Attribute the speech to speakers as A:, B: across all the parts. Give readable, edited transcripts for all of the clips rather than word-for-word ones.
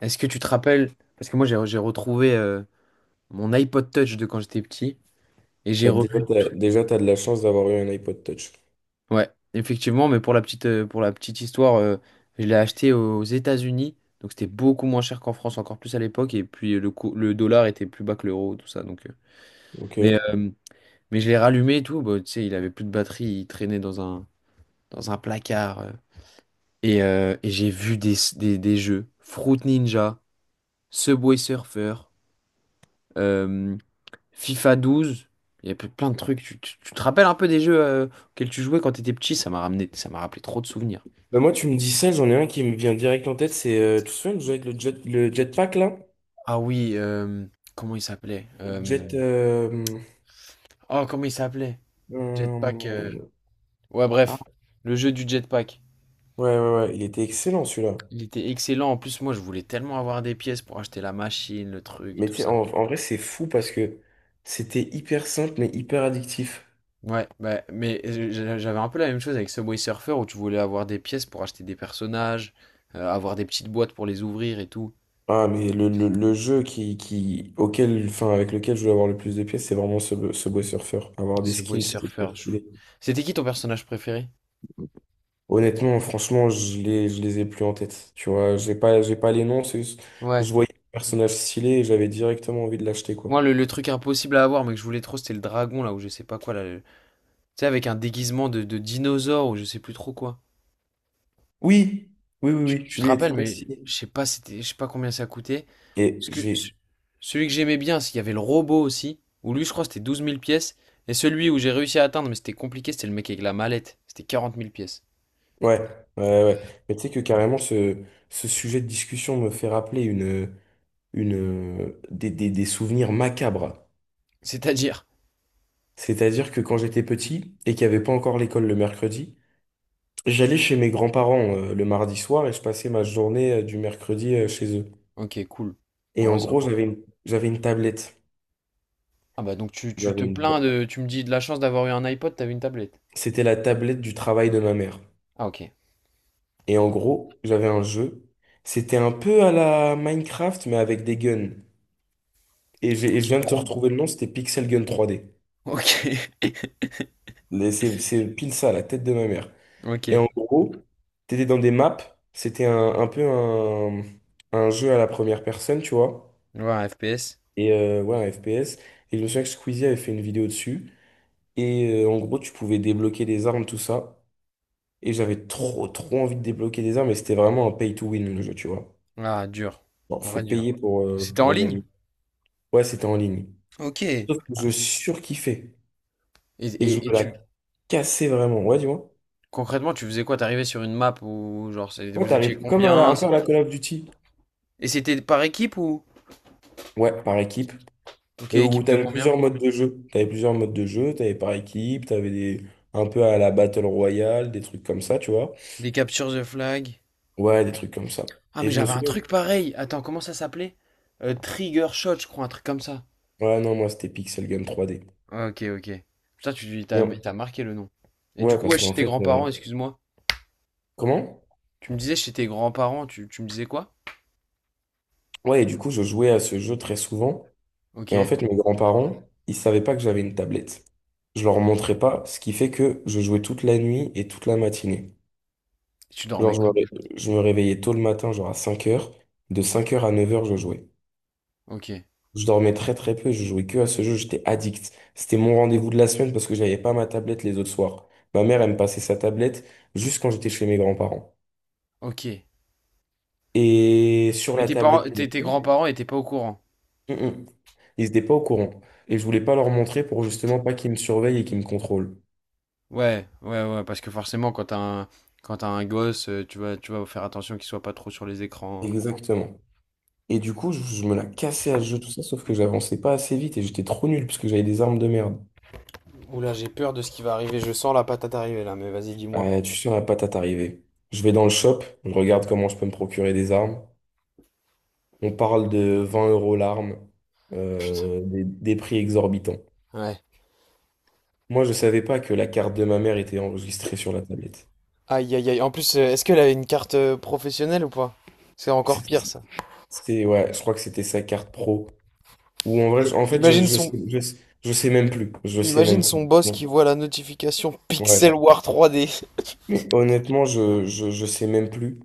A: Est-ce que tu te rappelles? Parce que moi, j'ai retrouvé mon iPod Touch de quand j'étais petit et j'ai
B: T'as déjà,
A: revu.
B: t'as, déjà, t'as de la chance d'avoir eu un iPod Touch.
A: Ouais, effectivement, mais pour la petite histoire, je l'ai acheté aux États-Unis. Donc, c'était beaucoup moins cher qu'en France, encore plus à l'époque. Et puis, le dollar était plus bas que l'euro, tout ça.
B: Ok.
A: Mais, euh, mais je l'ai rallumé et tout. Bah, tu sais, il avait plus de batterie. Il traînait dans un placard. Et j'ai vu des jeux: Fruit Ninja, Subway Surfer, euh, FIFA 12. Il y a plein de trucs. Tu te rappelles un peu des jeux auxquels tu jouais quand t'étais petit? Ça m'a ramené, ça m'a rappelé trop de souvenirs.
B: Bah moi, tu me dis ça, j'en ai un qui me vient direct en tête. C'est, tu te souviens de jouer avec le jetpack là?
A: Ah oui, comment il s'appelait?
B: Jet. euh,
A: Oh, comment il s'appelait? Jetpack.
B: euh,
A: Ouais,
B: ah,
A: bref, le jeu du jetpack.
B: ouais, ouais, ouais. Il était excellent celui-là.
A: Il était excellent. En plus, moi, je voulais tellement avoir des pièces pour acheter la machine, le truc,
B: Mais
A: tout
B: tu sais,
A: ça.
B: en vrai, c'est fou parce que c'était hyper simple mais hyper addictif.
A: Ouais, bah, mais j'avais un peu la même chose avec Subway Surfer où tu voulais avoir des pièces pour acheter des personnages, avoir des petites boîtes pour les ouvrir et tout.
B: Ah, mais le jeu auquel, enfin, avec lequel je voulais avoir le plus de pièces, c'est vraiment ce Subway Surfer. Avoir des
A: Ce boy
B: skins, c'était trop
A: surfeur.
B: stylé.
A: C'était qui ton personnage préféré?
B: Honnêtement, franchement, je les ai plus en tête. Tu vois, j'ai pas les noms. C'est
A: Ouais.
B: Je voyais le personnage stylé et j'avais directement envie de l'acheter, quoi.
A: Moi, le truc impossible à avoir, mais que je voulais trop, c'était le dragon, là, ou je sais pas quoi, là. Tu sais, avec un déguisement de dinosaure, ou je sais plus trop quoi.
B: Oui, oui, oui, oui.
A: Tu te
B: Lui était
A: rappelles,
B: très
A: mais
B: stylé.
A: je sais pas, c'était, je sais pas combien ça coûtait.
B: Et
A: Parce que
B: j'ai.
A: ce- Celui que j'aimais bien, c'est qu'il y avait le robot aussi, où lui, je crois, c'était 12 000 pièces. Et celui où j'ai réussi à atteindre, mais c'était compliqué, c'était le mec avec la mallette. C'était 40 000 pièces.
B: Ouais, ouais, ouais, ouais. Mais tu sais que carrément, ce sujet de discussion me fait rappeler des souvenirs macabres.
A: C'est-à-dire.
B: C'est-à-dire que quand j'étais petit et qu'il n'y avait pas encore l'école le mercredi, j'allais chez mes grands-parents le mardi soir et je passais ma journée du mercredi euh,, chez eux.
A: Ok, cool.
B: Et
A: En vrai,
B: en gros,
A: sympa.
B: j'avais une tablette.
A: Ah bah, donc tu
B: J'avais
A: te
B: une ta-
A: plains de. Tu me dis de la chance d'avoir eu un iPod, t'avais une tablette.
B: C'était la tablette du travail de ma mère.
A: Ah, ok.
B: Et en gros, j'avais un jeu. C'était un peu à la Minecraft, mais avec des guns. Et je
A: Ok,
B: viens de te retrouver le nom, c'était Pixel Gun 3D.
A: Ok,
B: C'est pile ça, la tête de ma mère.
A: ok.
B: Et en gros, t'étais dans des maps. C'était un jeu à la première personne, tu vois.
A: Ouais, FPS.
B: Et ouais, un FPS. Et je me souviens que Squeezie avait fait une vidéo dessus. Et en gros, tu pouvais débloquer des armes, tout ça. Et j'avais trop envie de débloquer des armes, mais c'était vraiment un pay to win le jeu, tu vois.
A: Ah, dur.
B: Bon,
A: En
B: faut
A: vrai, dur.
B: payer
A: C'était en
B: pour
A: ligne?
B: gagner. Ouais, c'était en ligne.
A: Ok.
B: Sauf que
A: Ah,
B: je surkiffais.
A: Et,
B: Et je
A: et, et
B: me la
A: tu...
B: cassais vraiment. Ouais, dis moi.
A: Concrètement, tu faisais quoi? T'arrivais sur une map ou genre,
B: Quand
A: vous étiez
B: t'arrives,
A: combien?
B: un peu à la Call of Duty.
A: Et c'était par équipe ou?
B: Ouais, par équipe.
A: Ok,
B: Mais où
A: équipe de
B: t'avais
A: combien?
B: plusieurs modes de jeu. T'avais plusieurs modes de jeu, t'avais par équipe, un peu à la Battle Royale, des trucs comme ça, tu vois.
A: Des captures the flag.
B: Ouais, des trucs comme ça.
A: Ah,
B: Et
A: mais
B: je me
A: j'avais un
B: souviens.
A: truc pareil. Attends, comment ça s'appelait? Trigger Shot, je crois, un truc comme ça.
B: Ouais, non, moi, c'était Pixel Gun 3D.
A: Ok, ok. Putain,
B: Et- on-
A: t'as marqué le nom. Et du
B: Ouais,
A: coup, ouais,
B: parce
A: chez
B: qu'en
A: tes
B: fait,
A: grands-parents, excuse-moi.
B: comment?
A: Tu me disais chez tes grands-parents, tu me disais quoi?
B: Ouais, et du coup, je jouais à ce jeu très souvent.
A: Ok.
B: Et en fait, mes grands-parents, ils savaient pas que j'avais une tablette. Je leur montrais pas, ce qui fait que je jouais toute la nuit et toute la matinée.
A: Tu
B: Genre,
A: dormais
B: je me,
A: quand?
B: ré- je me réveillais tôt le matin, genre à 5 heures. De 5 heures à 9 heures, je jouais.
A: Ok,
B: Je dormais très peu, je jouais que à ce jeu, j'étais addict. C'était mon rendez-vous de la semaine parce que j'avais pas ma tablette les autres soirs. Ma mère, elle me passait sa tablette juste quand j'étais chez mes grands-parents.
A: ok.
B: Et sur
A: Mais
B: la
A: tes parents,
B: tablette de
A: tes
B: ma
A: grands-parents étaient pas au courant.
B: mère, ils n'étaient pas au courant. Et je voulais pas leur montrer pour justement pas qu'ils me surveillent et qu'ils me contrôlent.
A: Ouais, ouais, ouais, parce que forcément, quand t'as un gosse, tu vas faire attention qu'il soit pas trop sur les écrans.
B: Exactement. Et du coup, je me la cassais à ce jeu, tout ça, sauf que j'avançais pas assez vite et j'étais trop nul parce que j'avais des armes de merde.
A: Oula, j'ai peur de ce qui va arriver. Je sens la patate arriver là, mais vas-y, dis-moi.
B: Ah, tu seras pas à t'arriver. Je vais dans le shop, je regarde comment je peux me procurer des armes. On parle de 20 euros l'arme, des prix exorbitants.
A: Ouais.
B: Moi, je savais pas que la carte de ma mère était enregistrée sur la tablette.
A: Aïe, aïe, aïe. En plus, est-ce qu'elle avait une carte professionnelle ou pas? C'est encore pire
B: C'était-
A: ça.
B: C'est, ouais, je crois que c'était sa carte pro. Ou en vrai,
A: Et
B: en fait, je sais même plus. Je sais
A: imagine
B: même
A: son
B: plus.
A: boss
B: Bon,
A: qui voit la notification Pixel
B: ouais.
A: War 3D.
B: Mais honnêtement, je sais même plus.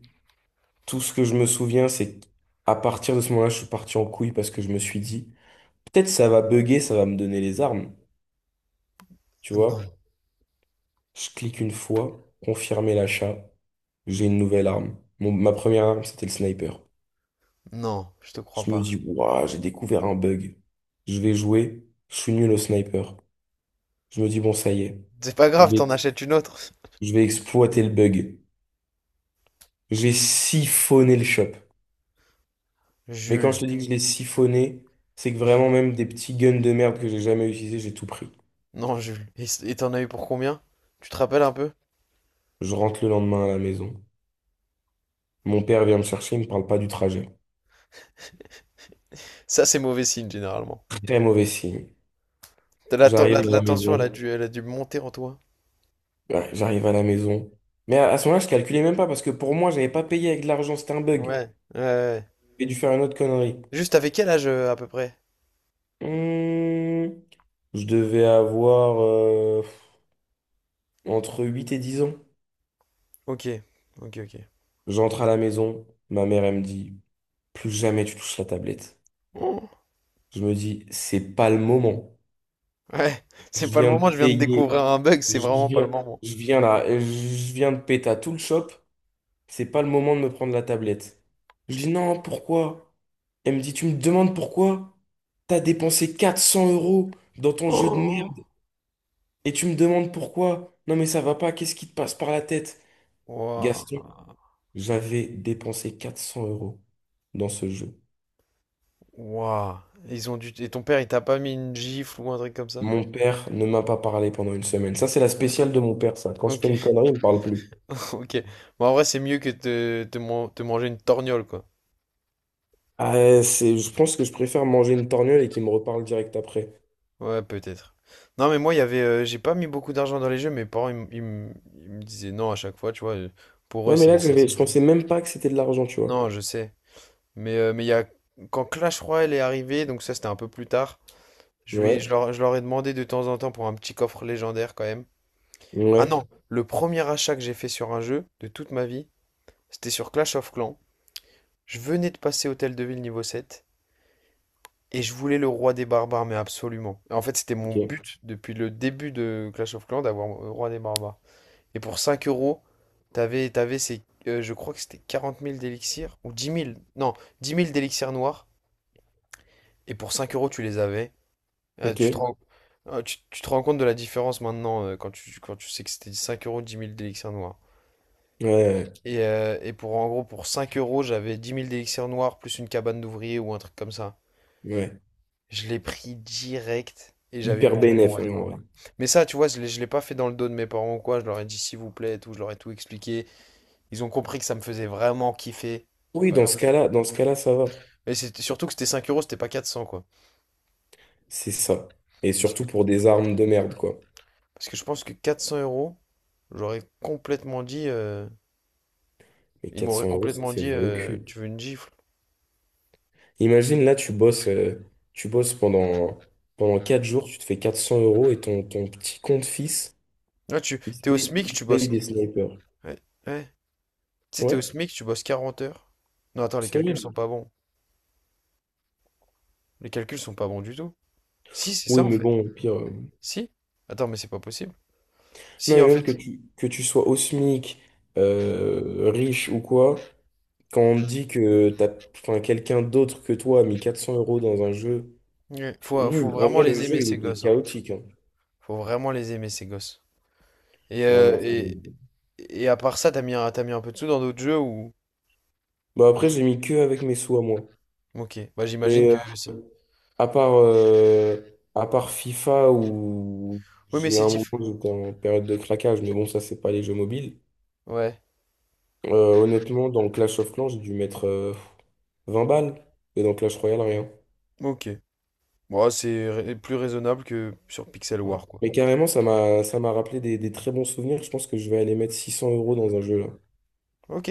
B: Tout ce que je me souviens, c'est qu'à partir de ce moment-là, je suis parti en couille parce que je me suis dit, peut-être ça va bugger, ça va me donner les armes. Tu
A: Non,
B: vois? Je clique une fois, confirmer l'achat, j'ai une nouvelle arme. Ma première arme, c'était le sniper.
A: non, je te crois
B: Je me
A: pas.
B: dis, waouh, j'ai découvert un bug. Je vais jouer, je suis nul au sniper. Je me dis, bon, ça y est,
A: C'est pas
B: je
A: grave,
B: vais,
A: t'en achètes une autre.
B: je vais exploiter le bug. J'ai siphonné le shop. Mais quand
A: Jules,
B: je te dis que je l'ai siphonné, c'est que vraiment même des petits guns de merde que j'ai jamais utilisés, j'ai tout pris.
A: non, Jules. Et t'en as eu pour combien? Tu te rappelles un peu?
B: Je rentre le lendemain à la maison. Mon père vient me chercher, il me parle pas du trajet.
A: Ça, c'est mauvais signe, généralement.
B: Très mauvais signe.
A: T'as La, ten- la,
B: J'arrive à
A: la
B: la
A: tension,
B: maison.
A: elle a dû monter en toi.
B: Ouais, j'arrive à la maison. Mais à ce moment-là, je calculais même pas parce que pour moi, j'avais pas payé avec de l'argent, c'était un
A: Ouais,
B: bug.
A: ouais, ouais.
B: J'ai dû faire une autre connerie.
A: Juste, avec quel âge, à peu près?
B: Hmm, je devais avoir entre 8 et 10 ans.
A: Ok, ok, ok.
B: J'entre à la maison, ma mère elle me dit, plus jamais tu touches la tablette.
A: Oh,
B: Je me dis, c'est pas le moment.
A: ouais, c'est
B: Je
A: pas le
B: viens de
A: moment, je viens de découvrir
B: payer,
A: un bug, c'est
B: je
A: vraiment pas le
B: viens,
A: moment.
B: je viens là, je viens de péter à tout le shop. C'est pas le moment de me prendre la tablette. Je dis, non, pourquoi? Elle me dit, tu me demandes pourquoi? T'as dépensé 400 euros dans ton jeu de merde
A: Oh.
B: et tu me demandes pourquoi? Non, mais ça va pas, qu'est-ce qui te passe par la tête?
A: Waouh,
B: Gaston, j'avais dépensé 400 euros dans ce jeu.
A: waouh. Ils ont dû... Et ton père, il t'a pas mis une gifle ou un truc comme ça?
B: Mon père ne m'a pas parlé pendant 1 semaine. Ça, c'est la spéciale de mon père, ça. Quand je fais une
A: Ok,
B: connerie, il me parle plus.
A: ok. Bon, en vrai, c'est mieux que de te manger une torgnole, quoi.
B: Ah, c'est, je pense que je préfère manger une torgnole et qu'il me reparle direct après.
A: Ouais, peut-être. Non, mais moi, il y avait, j'ai pas mis beaucoup d'argent dans les jeux. Mes parents, ils me disaient non à chaque fois, tu vois. Pour eux,
B: Ouais, mais là,
A: c'est ça.
B: je pensais même pas que c'était de l'argent, tu vois.
A: Non, je sais. Mais il y a quand Clash Royale est arrivé, donc ça, c'était un peu plus tard.
B: Ouais,
A: Je leur ai demandé de temps en temps pour un petit coffre légendaire quand même. Ah non,
B: ouais,
A: le premier achat que j'ai fait sur un jeu de toute ma vie, c'était sur Clash of Clans. Je venais de passer Hôtel de Ville niveau 7 et je voulais le roi des barbares, mais absolument. En fait, c'était mon
B: ok,
A: but depuis le début de Clash of Clans d'avoir le roi des barbares. Et pour 5 euros, t'avais ces, je crois que c'était 40 000 d'élixirs, ou 10 000, non, 10 000 d'élixirs noirs, et pour 5 euros, tu les avais.
B: ok,
A: Tu te rends, tu te rends compte de la différence maintenant quand tu sais que c'était 5 euros, 10 000 d'élixirs noirs.
B: ouais,
A: Et pour, en gros, pour 5 euros, j'avais 10 000 d'élixirs noirs plus une cabane d'ouvriers ou un truc comme ça.
B: ouais.
A: Je l'ai pris direct. Et j'avais eu
B: Hyper
A: mon
B: bénéf, hein,
A: rendez-vous.
B: en vrai.
A: Mais ça, tu vois, je l'ai pas fait dans le dos de mes parents ou quoi. Je leur ai dit, s'il vous plaît, et tout. Je leur ai tout expliqué. Ils ont compris que ça me faisait vraiment kiffer.
B: Oui,
A: Vraiment.
B: dans ce cas-là, ça va.
A: Mais c'était surtout que c'était 5 euros, c'était pas 400, quoi.
B: C'est ça. Et
A: Parce que,
B: surtout pour des armes de merde, quoi.
A: Parce que je pense que 400 euros, j'aurais complètement dit.
B: Mais
A: Ils m'auraient
B: 400 euros, ça
A: complètement
B: fait
A: dit,
B: mal au cul.
A: tu veux une gifle.
B: Imagine, là, tu bosses, pendant 4 jours, tu te fais 400 euros et ton petit compte fils,
A: Ouais, t'es au
B: il
A: SMIC, tu
B: se paye
A: bosses.
B: des snipers.
A: Ouais, ouais. Tu sais, t'es
B: Ouais,
A: au SMIC, tu bosses 40 heures. Non, attends, les
B: c'est
A: calculs
B: horrible.
A: sont pas bons. Les calculs sont pas bons du tout. Si, c'est
B: Oui,
A: ça, en
B: mais
A: fait.
B: bon, au pire.
A: Si. Attends, mais c'est pas possible.
B: Non,
A: Si,
B: mais
A: en
B: même
A: fait.
B: que que tu sois au SMIC, riche ou quoi, quand on te dit que t'as, enfin, quelqu'un d'autre que toi a mis 400 euros dans un jeu,
A: Ouais. Faut
B: nul. En
A: vraiment
B: vrai, le
A: les
B: jeu,
A: aimer,
B: il
A: ces
B: était
A: gosses, hein.
B: chaotique, hein.
A: Faut vraiment les aimer, ces gosses. Et,
B: Vraiment.
A: euh, et, Et à part ça, t'as mis un peu de sous dans d'autres jeux ou...
B: Bah, après, j'ai mis que avec mes sous à moi.
A: Ok, bah j'imagine
B: Mais
A: que je sais.
B: à part, euh, à part FIFA où
A: Oui, mais
B: j'ai
A: c'est
B: un moment,
A: diff...
B: j'étais en période de craquage, mais bon, ça, c'est pas les jeux mobiles.
A: Ouais,
B: Honnêtement, dans Clash of Clans, j'ai dû mettre 20 balles. Et dans Clash Royale, rien.
A: ok. Bon, c'est plus raisonnable que sur Pixel
B: Ouais.
A: War, quoi.
B: Mais carrément, ça m'a rappelé des très bons souvenirs. Je pense que je vais aller mettre 600 euros dans un jeu là.
A: Ok.